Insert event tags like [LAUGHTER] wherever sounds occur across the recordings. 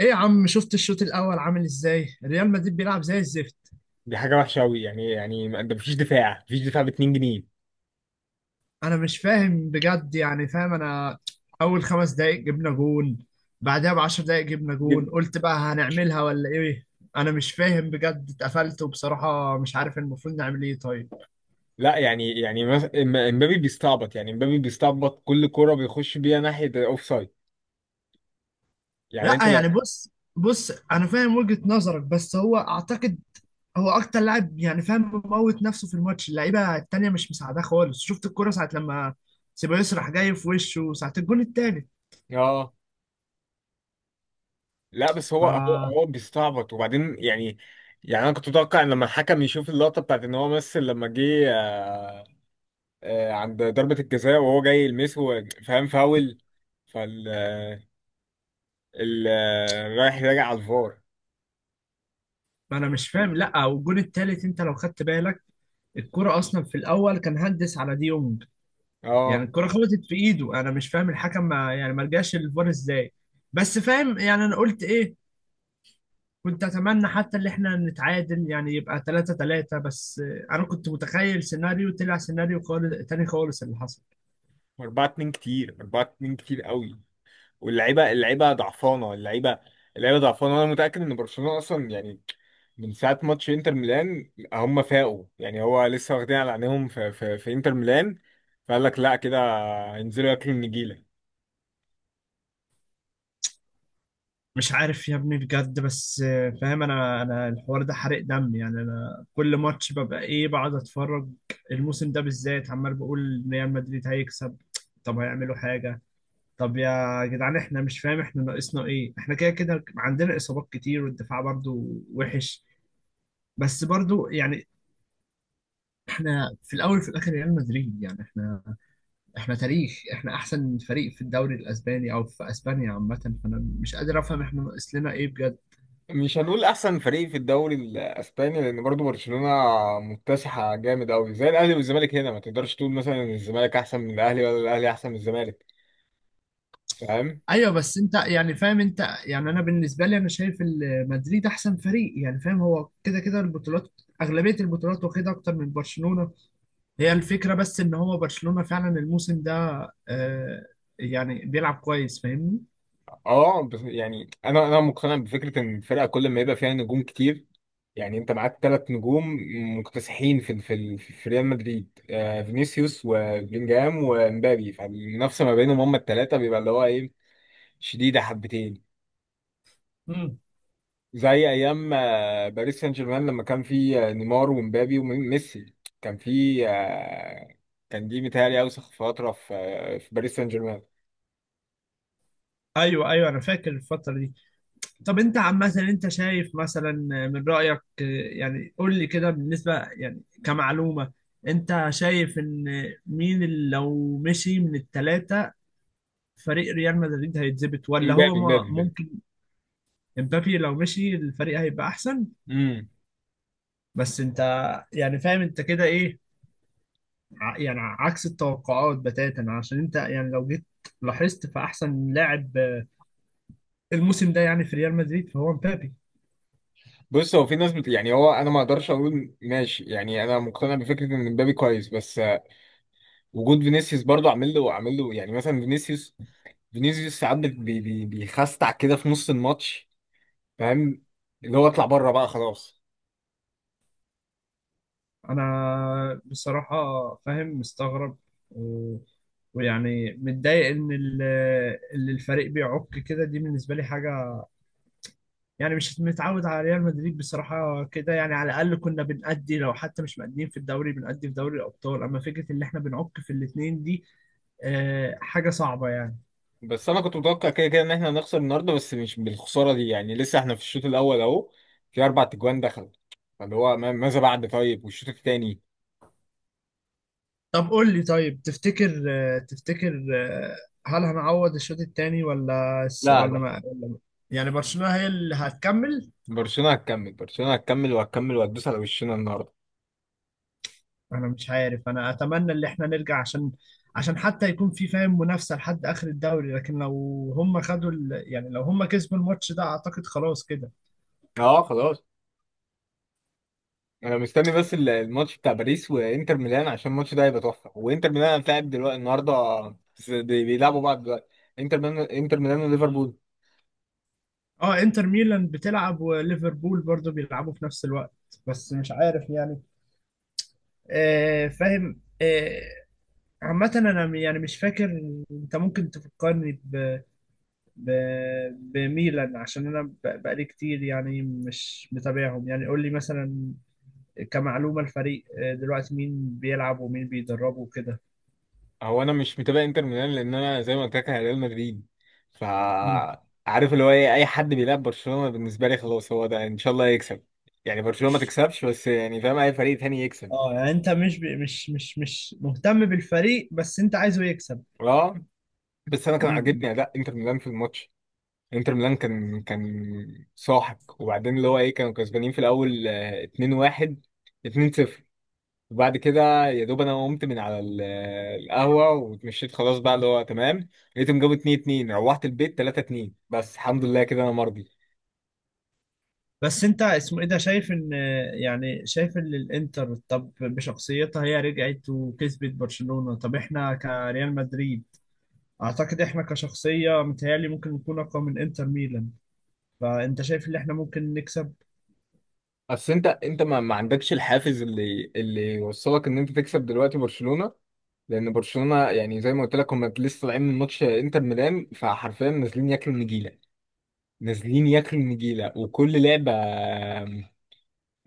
ايه يا عم، شفت الشوط الاول عامل ازاي؟ ريال مدريد بيلعب زي الزفت. دي حاجة وحشة أوي، يعني إيه؟ يعني ده مفيش دفاع، مفيش دفاع ب 2 جنيه. انا مش فاهم بجد، يعني فاهم انا. اول خمس دقايق جبنا جون، بعدها بعشر دقايق جبنا دي- جون، قلت بقى هنعملها ولا ايه؟ انا مش فاهم بجد، اتقفلت، وبصراحة مش عارف المفروض نعمل ايه. طيب لا، يعني امبابي بيستعبط. يعني امبابي بيستعبط كل كرة بيخش بيها ناحية الأوف سايد. يعني أنت لا يعني، لو... بص، بص انا فاهم وجهة نظرك، بس هو اعتقد، هو اكتر لاعب، يعني فاهم، مموت نفسه في الماتش، اللعيبة التانية مش مساعداه خالص. شفت الكرة ساعة لما سيبايوس راح جاي في وشه ساعة الجون التالت. اه. لا، بس هو بيستعبط، وبعدين يعني... يعني انا كنت متوقع ان لما الحكم يشوف اللقطه بتاعت ان هو مثل لما جه عند ضربه الجزاء وهو جاي يلمسه، فاهم، فاول. فال ال- آه، رايح راجع على الفار. ما انا مش فاهم، لا، والجون التالت انت لو خدت بالك، الكرة اصلا في الاول كان هندس على دي يونج، يعني اه. الكرة خبطت في ايده، انا مش فاهم الحكم ما يعني ما رجعش الفار ازاي. بس فاهم، يعني انا قلت ايه؟ كنت اتمنى حتى اللي احنا نتعادل، يعني يبقى 3-3 بس. انا كنت متخيل سيناريو، طلع سيناريو خالص تاني خالص اللي حصل. 4 2 كتير، 4 2 كتير قوي. واللعيبه اللعيبه ضعفانه، اللعيبه ضعفانه، وانا متاكد ان برشلونه اصلا يعني... من ساعه ماتش انتر ميلان هم فاقوا، يعني هو لسه واخدين على عينيهم في انتر ميلان. فقال لك لا، كده هينزلوا ياكلوا النجيله. مش عارف يا ابني بجد، بس فاهم انا الحوار ده حرق دم، يعني انا كل ماتش ببقى ايه، بقعد اتفرج. الموسم ده بالذات عمال بقول ريال مدريد هيكسب، طب هيعملوا حاجة؟ طب يا جدعان، احنا مش فاهم احنا ناقصنا ايه، احنا كده كده عندنا اصابات كتير والدفاع برضو وحش، بس برضو يعني احنا في الاول وفي الاخر ريال مدريد، يعني احنا تاريخ، احنا احسن فريق في الدوري الاسباني او في اسبانيا عامة، فانا مش قادر افهم احنا ناقص لنا ايه بجد. مش هنقول احسن فريق في الدوري الاسباني، لان برضو برشلونه مكتسحه جامد قوي. زي الاهلي والزمالك هنا، ما تقدرش تقول مثلا ان الزمالك احسن من الاهلي ولا الاهلي احسن من الزمالك، فاهم؟ ايوه بس انت يعني فاهم انت، يعني انا بالنسبه لي انا شايف مدريد احسن فريق، يعني فاهم، هو كده كده البطولات، اغلبيه البطولات واخدها اكتر من برشلونه. هي الفكره بس ان هو برشلونه فعلا الموسم ده، آه يعني بيلعب كويس، فاهمني. اه، بس يعني انا مقتنع بفكره ان الفرقه كل ما يبقى فيها نجوم كتير. يعني انت معاك ثلاث نجوم مكتسحين في ريال مدريد، فينيسيوس وبلينجهام ومبابي. فالمنافسه ما بينهم هم الثلاثه بيبقى اللي هو ايه، شديده حبتين. مم. زي ايام باريس سان جيرمان، لما كان في نيمار ومبابي وميسي. كان في آه، كان دي متهيألي اوسخ فتره في باريس سان جيرمان. ايوه ايوه انا فاكر الفتره دي. طب انت عامه انت شايف مثلا، من رايك، يعني قول لي كده بالنسبه، يعني كمعلومه، انت شايف ان مين اللي لو مشي من الثلاثه فريق ريال مدريد هيتظبط، ولا هو مبابي، مبابي، ممكن؟ امبابي لو مشي الفريق هيبقى احسن. مبابي. بس انت يعني فاهم انت كده ايه؟ يعني عكس التوقعات بتاتا، عشان انت يعني لو جيت لاحظت، فاحسن لاعب الموسم ده يعني في ريال مدريد فهو امبابي. بص، هو في ناس يعني انا ما اقدرش اقول ماشي. يعني انا مقتنع بفكره ان مبابي كويس، بس وجود فينيسيوس برضو عامل له. يعني مثلا فينيسيوس، فينيسيوس ساعات بيخستع كده في نص الماتش، فاهم؟ اللي هو اطلع بره بقى خلاص. انا بصراحة فاهم، مستغرب، و- ويعني متضايق ان اللي الفريق بيعك كده، دي بالنسبة لي حاجة، يعني مش متعود على ريال مدريد بصراحة كده، يعني على الأقل كنا بنأدي، لو حتى مش مأديين في الدوري بنأدي في دوري الأبطال، أما فكرة إن إحنا بنعك في الاتنين دي، حاجة صعبة يعني. بس انا كنت متوقع كده كده ان احنا هنخسر النهارده، بس مش بالخساره دي. يعني لسه احنا في الشوط الاول اهو، في اربع تجوان دخل، فاللي هو ماذا بعد؟ طيب، والشوط الثاني؟ طب قول لي، طيب تفتكر، هل هنعوض الشوط التاني، ولا لا ولا لا. ما يعني برشلونة هي اللي هتكمل؟ برشلونه هتكمل. برشلونه هتكمل وهتكمل وهتدوس على وشنا النهارده. أنا مش عارف، أنا أتمنى إن إحنا نرجع، عشان حتى يكون في فاهم منافسة لحد آخر الدوري، لكن لو هم خدوا يعني لو هم كسبوا الماتش ده أعتقد خلاص كده. اه، خلاص. انا مستني بس الماتش بتاع باريس وانتر ميلان، عشان الماتش ده هيبقى تحفه. وانتر ميلان هتلاعب دلوقتي النهارده، بس بيلعبوا بعض دلوقتي. انتر ميلان، انتر ميلان وليفربول. اه، انتر ميلان بتلعب وليفربول برضه بيلعبوا في نفس الوقت، بس مش عارف يعني، فاهم. عامة انا يعني مش فاكر. انت ممكن تفكرني ب... بميلان، عشان انا بقالي كتير يعني مش متابعهم. يعني قول لي مثلا كمعلومة، الفريق دلوقتي مين بيلعب ومين بيدربه وكده. هو انا مش متابع انتر ميلان، لان انا زي ما قلت لك انا ريال مدريد. ف مم. عارف اللي هو ايه، اي حد بيلعب برشلونه بالنسبه لي خلاص هو ده، ان شاء الله يكسب. يعني برشلونه ما تكسبش، بس يعني فاهم اي فريق تاني يكسب. اه، يعني انت مش ب... مش مش مش مهتم بالفريق، بس انت عايزه يكسب. اه، بس انا كان مم. عاجبني اداء انتر ميلان في الماتش. انتر ميلان كان ساحق، وبعدين اللي هو ايه كانوا كسبانين في الاول 2-1، 2-0. وبعد كده يا دوب انا قمت من على القهوه واتمشيت خلاص بقى اللي هو تمام. لقيتهم جابوا 2-2، روحت البيت 3-2. بس الحمد لله كده انا مرضي. بس انت اسمه ايه ده، شايف ان، يعني شايف ان الانتر، طب بشخصيتها هي رجعت وكسبت برشلونة، طب احنا كريال مدريد اعتقد احنا كشخصية متهيألي ممكن نكون اقوى من انتر ميلان، فانت شايف ان احنا ممكن نكسب؟ بس انت ما عندكش الحافز اللي يوصلك ان انت تكسب دلوقتي برشلونه. لان برشلونه يعني زي ما قلت لك هم لسه طالعين من ماتش انتر ميلان، فحرفيا نازلين ياكلوا النجيله. نازلين ياكلوا النجيله. وكل لعبه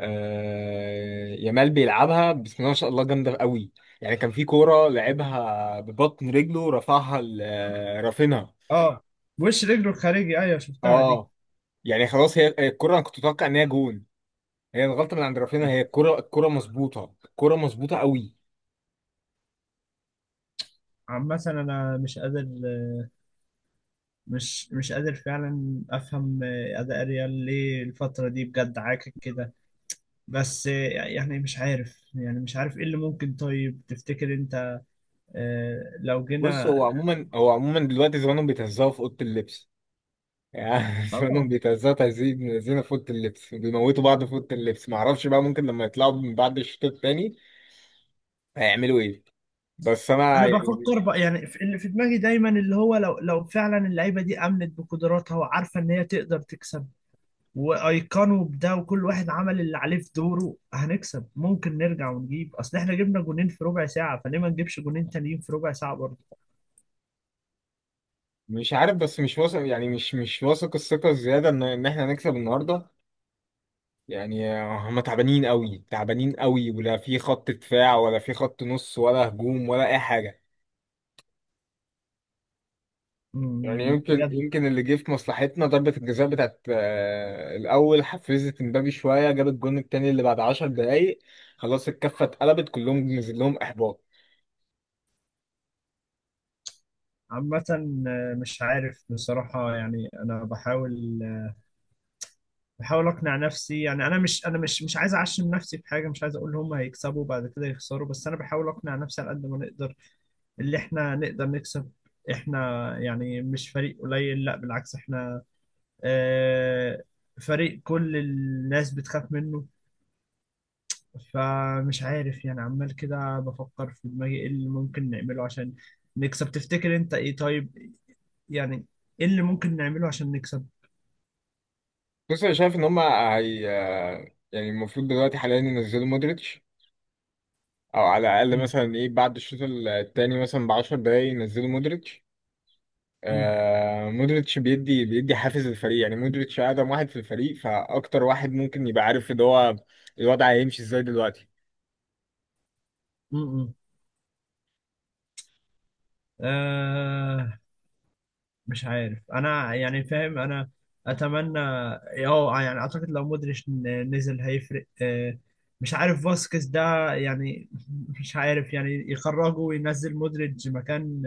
يامال بيلعبها بسم الله ما شاء الله، جامده قوي. يعني كان في كوره لعبها ببطن رجله، رفعها رافينها. اه، وش رجله الخارجي، ايوه شفتها دي. اه، يعني خلاص. هي الكوره، انا كنت اتوقع ان هي جون. هي الغلطه من عند رافينها. هي الكوره، الكوره مظبوطه، الكوره مظبوطه قوي. عامة انا مش قادر، مش مش قادر فعلا افهم اداء ريال ليه الفترة دي بجد عاكك كده، بس يعني مش عارف، يعني مش عارف ايه اللي ممكن، طيب تفتكر انت لو بص، جينا. هو عموما دلوقتي زمانهم بيتهزقوا في اوضه اللبس. يعني [LAUGHS] زمانهم اه، بيتهزقوا تهزيق من الذين في اوضه اللبس. بيموتوا بعض في اوضه اللبس. معرفش بقى، ممكن لما يطلعوا من بعد الشوط الثاني هيعملوا ايه. بس انا انا يعني بفكر بقى يعني اللي في دماغي دايما اللي هو، لو فعلا اللعيبه دي امنت بقدراتها وعارفه ان هي تقدر تكسب، وايقنوا بده، وكل واحد عمل اللي عليه في دوره، هنكسب. ممكن نرجع ونجيب، اصل احنا جبنا جونين في ربع ساعه، فليه ما نجيبش جونين تانيين في ربع ساعه برضه؟ مش عارف، بس مش واثق. يعني مش واثق الثقة الزيادة ان احنا هنكسب النهاردة. يعني هم تعبانين قوي، تعبانين قوي. ولا في خط دفاع ولا في خط نص ولا هجوم ولا اي حاجة. يعني يمكن بجد. يمكن اللي جه في مصلحتنا ضربة الجزاء بتاعت الأول حفزت مبابي شوية، جاب الجون التاني اللي بعد 10 دقايق. خلاص الكفة اتقلبت كلهم، نزل لهم إحباط. عامه مش عارف بصراحه، يعني انا بحاول، بحاول اقنع نفسي، يعني انا مش عايز اعشم نفسي في حاجه، مش عايز اقول هم هيكسبوا بعد كده يخسروا، بس انا بحاول اقنع نفسي على قد ما نقدر اللي احنا نقدر نكسب. احنا يعني مش فريق قليل، لا بالعكس، احنا آه فريق كل الناس بتخاف منه، فمش عارف يعني، عمال كده بفكر في دماغي ايه اللي ممكن نعمله عشان نكسب. تفتكر انت ايه طيب؟ يعني ايه اللي ممكن نعمله عشان نكسب؟ بص، أنا شايف إن هم هي آه، يعني المفروض دلوقتي حاليا ينزلوا مودريتش. او على الاقل م- مثلا ايه، بعد الشوط التاني مثلا ب 10 دقايق ينزلوا مودريتش. م- مودريتش بيدي حافز للفريق. يعني مودريتش اقدم واحد في الفريق، فاكتر واحد ممكن يبقى عارف ان هو الوضع هيمشي ازاي دلوقتي. م- م. آه، مش عارف انا، يعني فاهم انا، اتمنى، اه يعني اعتقد لو مودريتش نزل هيفرق. مش عارف فاسكيز ده يعني، [LAUGHS] مش عارف، يعني يخرجه وينزل مودريتش مكان،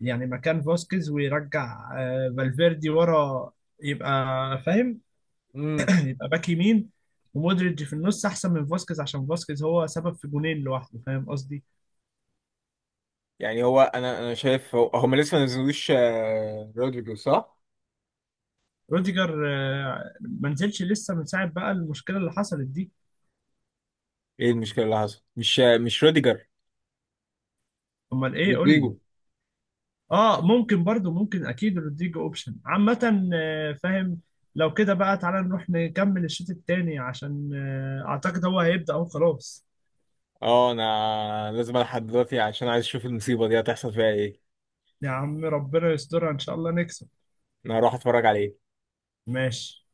يعني مكان فاسكيز، ويرجع فالفيردي ورا، يبقى فاهم، امم [CLEARS THROAT] يبقى باك يمين، ومودريتش في النص احسن من فاسكيز، عشان فاسكيز هو سبب في جونين لوحده، فاهم قصدي. يعني هو انا شايف هما لسه ما نزلوش رودريجو، صح؟ روديجر ما نزلش لسه من ساعه بقى المشكله اللي حصلت دي. ايه المشكله اللي حصلت؟ مش روديجر، امال ايه؟ قول لي. رودريجو. اه ممكن برضو، ممكن اكيد رودريجو اوبشن. عامة فاهم. لو كده بقى تعالى نروح نكمل الشوط التاني، عشان اعتقد هو هيبدأ اهو خلاص. اه، انا لازم الحق دلوقتي عشان عايز اشوف المصيبه دي هتحصل فيها ايه. يا عم ربنا يسترها ان شاء الله نكسب. انا هروح اتفرج عليه. ماشي.